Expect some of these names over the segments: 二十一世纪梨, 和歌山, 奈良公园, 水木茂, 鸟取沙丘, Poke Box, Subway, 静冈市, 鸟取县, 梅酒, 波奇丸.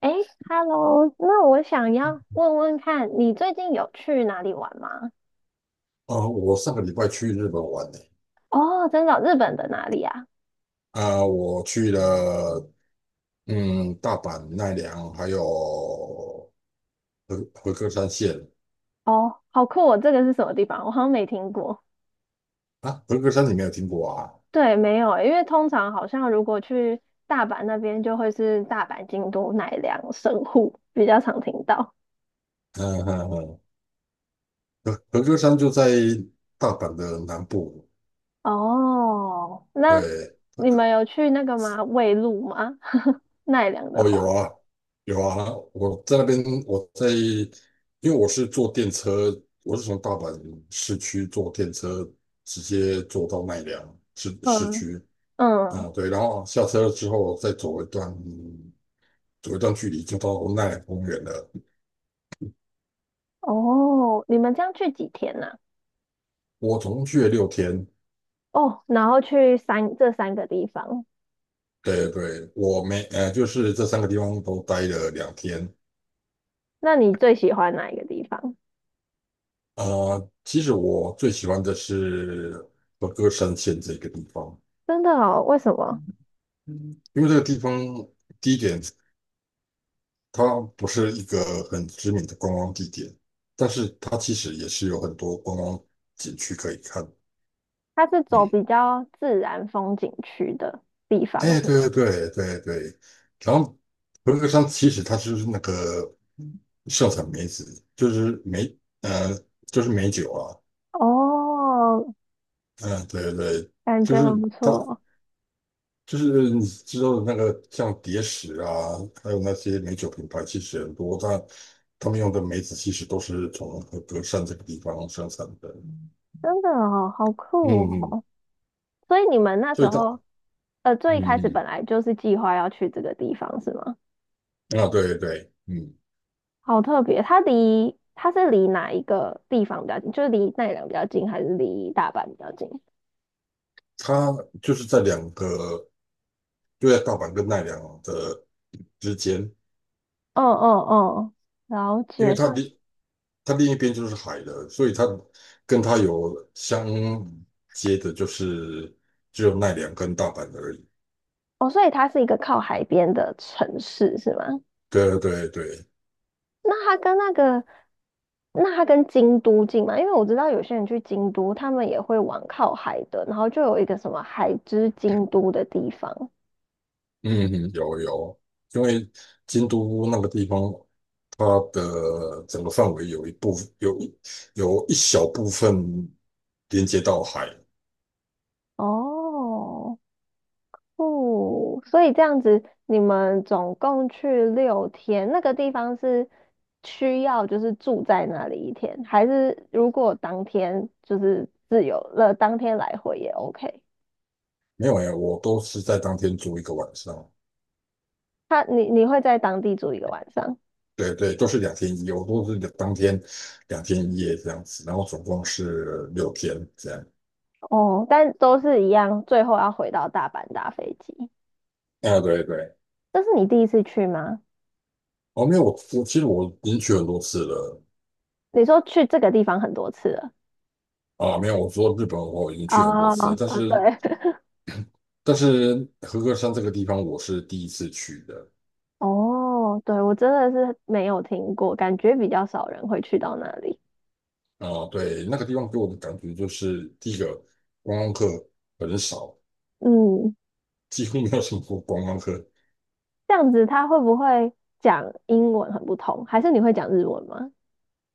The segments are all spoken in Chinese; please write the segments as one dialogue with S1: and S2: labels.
S1: 哎 hello 那我想要问问看，你最近有去哪里玩吗？
S2: 哦，我上个礼拜去日本玩呢。
S1: 哦，真的哦日本的哪里啊？
S2: 啊、我去了大阪、奈良，还有和歌山县。
S1: 哦，好酷哦，这个是什么地方？我好像没听过。
S2: 啊，和歌山你没有听过啊？
S1: 对，没有欸因为通常好像如果去大阪那边，就会是大阪、京都、奈良、神户，比较常听到。
S2: 嗯嗯嗯，和歌山就在大阪的南部。
S1: 哦，那
S2: 对。
S1: 你们有去那个吗？卫路吗？奈良的
S2: 哦有
S1: 话，
S2: 啊，有啊，我在那边我在，因为我是坐电车，我是从大阪市区坐电车直接坐到奈良市市
S1: 嗯
S2: 区。啊，
S1: 嗯，
S2: 对，然后下车之后再走一段距离就到奈良公园了。
S1: 哦，你们这样去几天呢？
S2: 我总共去了六天。
S1: 哦，然后去这三个地方，
S2: 对对，我没，呃，就是这三个地方都待了两天。
S1: 那你最喜欢哪一个地方？
S2: 其实我最喜欢的是和歌山县这个地方。
S1: 真的哦，为什么？
S2: 因为这个地方第一点，它不是一个很知名的观光地点，但是它其实也是有很多观光景区可以看。
S1: 它是走
S2: 嗯，
S1: 比较自然风景区的地方
S2: 哎，
S1: 是吗？
S2: 对对对对对。然后合格山其实它就是那个盛产梅子，就是梅，呃，就是梅酒啊。
S1: 哦，
S2: 嗯，对对。
S1: 感
S2: 就
S1: 觉很
S2: 是
S1: 不
S2: 它，
S1: 错，
S2: 就是你知道的那个像蝶石啊，还有那些美酒品牌，其实很多。他们用的梅子其实都是从合格山这个地方生产的。
S1: 真的哦，好酷
S2: 嗯嗯。
S1: 哦！所以你们那
S2: 所
S1: 时
S2: 以它，
S1: 候，最一开始
S2: 嗯
S1: 本来就是计划要去这个地方是吗？
S2: 嗯，啊，对对，嗯，
S1: 好特别，它是离哪一个地方比较近？就是离奈良比较近，还是离大阪比较近？
S2: 它就是在两个。就在大阪跟奈良的之间。
S1: 嗯嗯嗯，了
S2: 因为
S1: 解，
S2: 它另一边就是海了，所以它跟它有相接的，就是只有奈良跟大阪而已。
S1: 哦，所以它是一个靠海边的城市是吗？
S2: 对对对。
S1: 那它跟那个，那它跟京都近吗？因为我知道有些人去京都，他们也会往靠海的，然后就有一个什么海之京都的地方。
S2: 嗯哼，有有。因为京都那个地方，它的整个范围有一部分有一小部分连接到海。
S1: 哦，哦，所以这样子，你们总共去6天，那个地方是需要就是住在那里1天，还是如果当天就是自由了，当天来回也 OK?
S2: 没有哎，我都是在当天住一个晚上。
S1: 你会在当地住一个晚上？
S2: 对对，都是两天一夜，我都是当天两天一夜这样子，然后总共是六天这样。
S1: 哦，但都是一样，最后要回到大阪搭飞机。
S2: 啊，对对。
S1: 这是你第一次去吗？
S2: 哦，没有，我其实我已经去很多次了。
S1: 你说去这个地方很多次了。
S2: 啊，没有，我说日本我已经去很多
S1: 啊
S2: 次
S1: 啊，
S2: 了但是
S1: 对，
S2: 但是和歌山这个地方我是第一次去的。
S1: 哦，对，我真的是没有听过，感觉比较少人会去到那里。
S2: 啊，对，那个地方给我的感觉就是第一个观光客很少，
S1: 嗯，
S2: 几乎没有什么观光客。
S1: 这样子他会不会讲英文很不同？还是你会讲日文吗？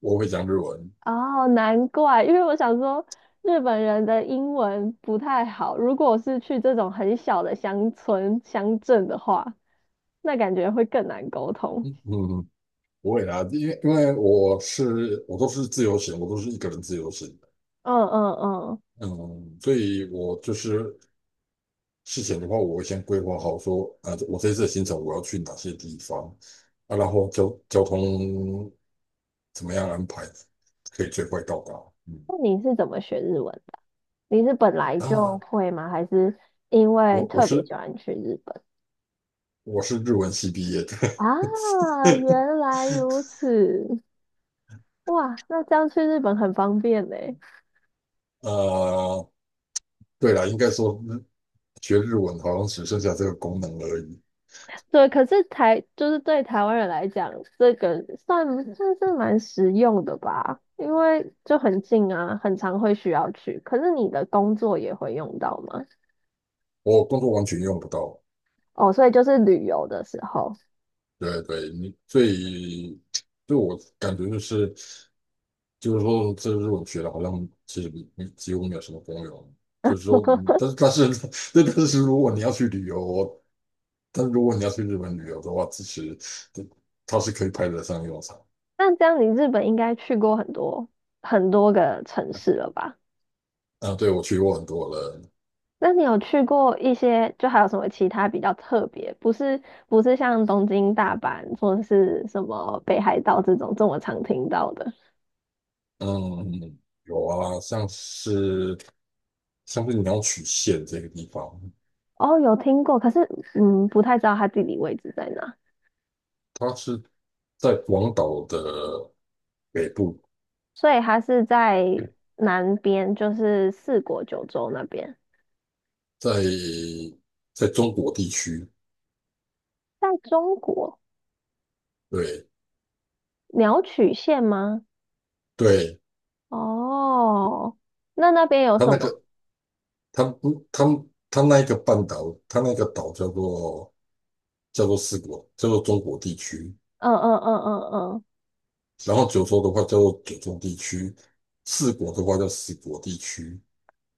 S2: 我会讲日文。
S1: 哦，难怪，因为我想说日本人的英文不太好，如果是去这种很小的乡村乡镇的话。那感觉会更难沟通。
S2: 嗯，不会啦，因为我都是自由行，我都是一个人自由行。
S1: 嗯嗯嗯，
S2: 嗯，所以我就是事前的话，我会先规划好说，啊，我这次的行程我要去哪些地方，啊，然后交通怎么样安排，可以最快到达。嗯，
S1: 那你是怎么学日文的？你是本来就
S2: 啊，
S1: 会吗？还是因为
S2: 我我
S1: 特别
S2: 是
S1: 喜欢去日本？
S2: 我是日文系毕业的。
S1: 啊，原来如此。哇，那这样去日本很方便呢。
S2: 呃，对了，应该说学日文好像只剩下这个功能而已。
S1: 对，可是就是对台湾人来讲，这个算是蛮实用的吧，因为就很近啊，很常会需要去。可是你的工作也会用到吗？
S2: 我工作完全用不到。
S1: 哦，所以就是旅游的时候。
S2: 对对，所以对我感觉就是。就是说，我学的好像其实没几乎没有什么功用。就是说，但是 但是如果你要去旅游，但如果你要去日本旅游的话，其实这它是可以派得上用场。
S1: 那这样你日本应该去过很多很多个城市了吧？
S2: 啊，对，我去过很多了。
S1: 那你有去过一些，就还有什么其他比较特别，不是不是像东京、大阪或者是什么北海道这种这么常听到的？
S2: 嗯，有啊，像是鸟取县这个地方。
S1: 哦，有听过，可是嗯，不太知道它地理位置在哪，
S2: 它是在广岛的北部，
S1: 所以它是在南边，就是四国九州那边，
S2: 在在中国地区。
S1: 在中国
S2: 对
S1: 鸟取县吗？
S2: 对。
S1: 哦，那那边有
S2: 它
S1: 什
S2: 那
S1: 么？
S2: 个他们不，他那一个半岛，他那个岛叫做四国，叫做中国地区。
S1: 嗯嗯嗯嗯嗯。
S2: 然后九州的话叫做九州地区，四国的话叫四国地区。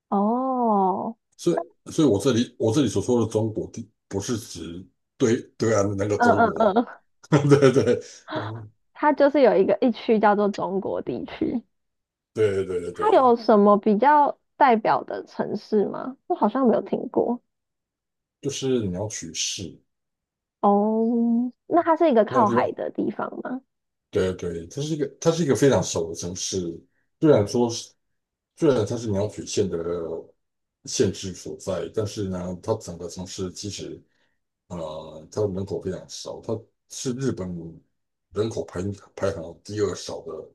S1: 哦，
S2: 所以我这里所说的中国地，不是指对岸的那个
S1: 嗯
S2: 中
S1: 嗯
S2: 国。
S1: 嗯，
S2: 对对。嗯，
S1: 它就是有一个一区叫做中国地区，
S2: 对对对
S1: 它
S2: 对，
S1: 有什么比较代表的城市吗？我好像没有听过。
S2: 就是你要取势。
S1: 哦，那它是一个
S2: 那个
S1: 靠
S2: 地
S1: 海
S2: 方
S1: 的地方吗？
S2: 对对，它是一个非常小的城市。虽然说是，虽然它是鸟取县的县治所在，但是呢，它整个城市其实，它的人口非常少。它是日本人口排行第二少的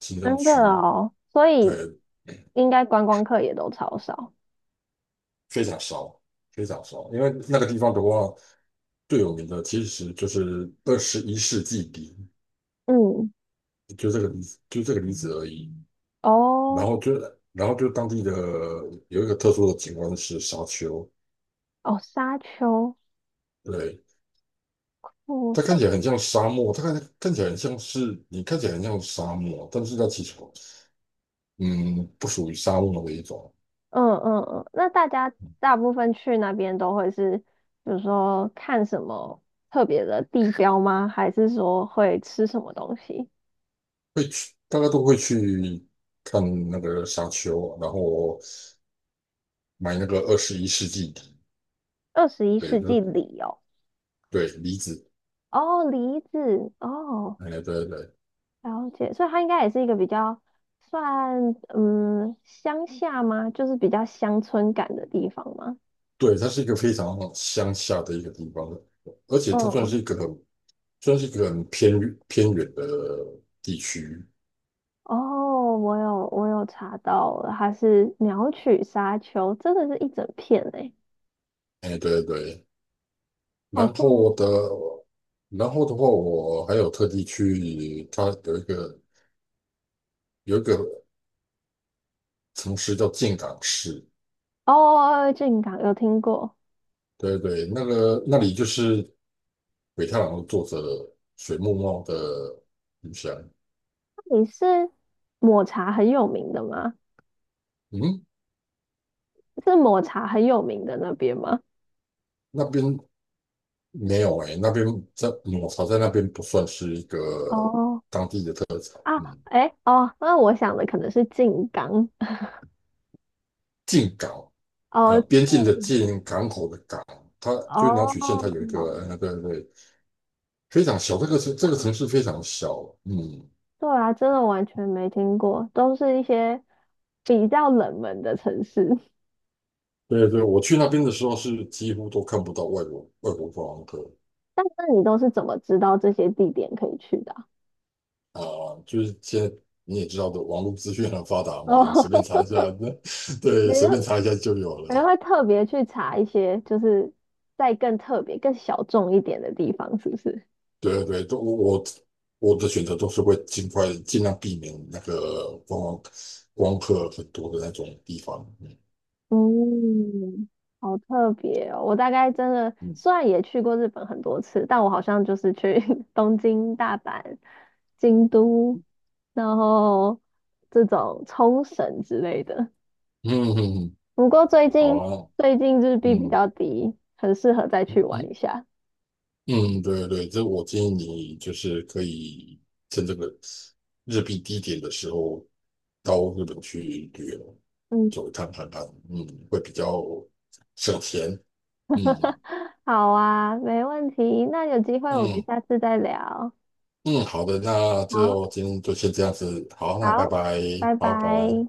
S2: 行政
S1: 真的
S2: 区。
S1: 哦，所以
S2: 对，
S1: 应该观光客也都超少。
S2: 非常少，非常少。因为那个地方的话，最有名的其实就是二十一世纪梨，
S1: 嗯，
S2: 就这个梨，就这个例子而已。然
S1: 哦
S2: 后就然后就当地的有一个特殊的景观是沙丘。
S1: 哦，沙丘，
S2: 对，
S1: 哦，
S2: 它
S1: 所
S2: 看
S1: 以。
S2: 起来很像沙漠，它看起来很像是你看起来很像沙漠，但是它其实嗯不属于沙漠的一种。
S1: 嗯嗯嗯，那大家大部分去那边都会是，比如说看什么特别的地标吗？还是说会吃什么东西？
S2: 大家都会去看那个沙丘，然后买那个二十一世纪梨。
S1: 二十一
S2: 对，
S1: 世
S2: 就
S1: 纪
S2: 是
S1: 里哦，
S2: 对梨子。
S1: 哦，梨子，哦，
S2: 哎，对对对。
S1: 了解，所以它应该也是一个比较算乡下吗？就是比较乡村感的地方吗？
S2: 对，它是一个非常乡下的一个地方。而且它算
S1: 嗯，
S2: 是一个很算是一个很偏远的地区。
S1: 哦，我有查到了，它是鸟取沙丘，真的是一整片诶，
S2: 哎，对对
S1: 好
S2: 然
S1: 酷
S2: 后的，然后的话，我还有特地去，它有一个城市叫静冈市。
S1: 哦，靖港有听过。
S2: 对对，那里就是北太郎的作者水木茂的故乡。
S1: 你是抹茶很有名的吗？
S2: 嗯，
S1: 是抹茶很有名的那边吗？
S2: 那边没有哎、那边抹茶在那边不算是一个。
S1: 哦啊，
S2: 嗯
S1: 哎哦，那我想的可能是靖港。
S2: 进港，
S1: 哦，
S2: 边境的
S1: 靖
S2: 进，港口的港。它就是鸟取县，它有一
S1: 哦，
S2: 个对对非常小。这个城这个
S1: 港。
S2: 城市非常小。嗯，
S1: 对啊，真的完全没听过，都是一些比较冷门的城市。
S2: 对对，我去那边的时候是几乎都看不到外国观光客。
S1: 但是你都是怎么知道这些地点可以去的啊
S2: 啊、就是现在你也知道的，网络资讯很发达 嘛，随便查
S1: 哦，
S2: 一下。
S1: 你
S2: 对，随便
S1: 就
S2: 查一下就有了。
S1: 然后会特别去查一些，就是再更特别、更小众一点的地方，是不是？
S2: 对对。都我我我的选择都是会尽量避免那个观光客很多的那种地方。嗯
S1: 嗯，好特别哦！我大概真的
S2: 嗯
S1: 虽然也去过日本很多次，但我好像就是去 东京、大阪、京都，然后这种冲绳之类的。
S2: 嗯嗯，嗯
S1: 不过最
S2: 好
S1: 近
S2: 啊，
S1: 最近日币比
S2: 嗯
S1: 较低，很适合再去玩
S2: 嗯。
S1: 一下。
S2: 嗯，对对，我建议你就是可以趁这个日币低点的时候到日本去旅游，
S1: 嗯，
S2: 走一趟看看，会比较省钱。嗯
S1: 好啊，没问题。那有机会我们
S2: 嗯
S1: 下次再聊。
S2: 嗯，好的，那就
S1: 好。
S2: 今天就先这样子，好，那拜
S1: 好，
S2: 拜，
S1: 拜
S2: 好，拜拜。
S1: 拜。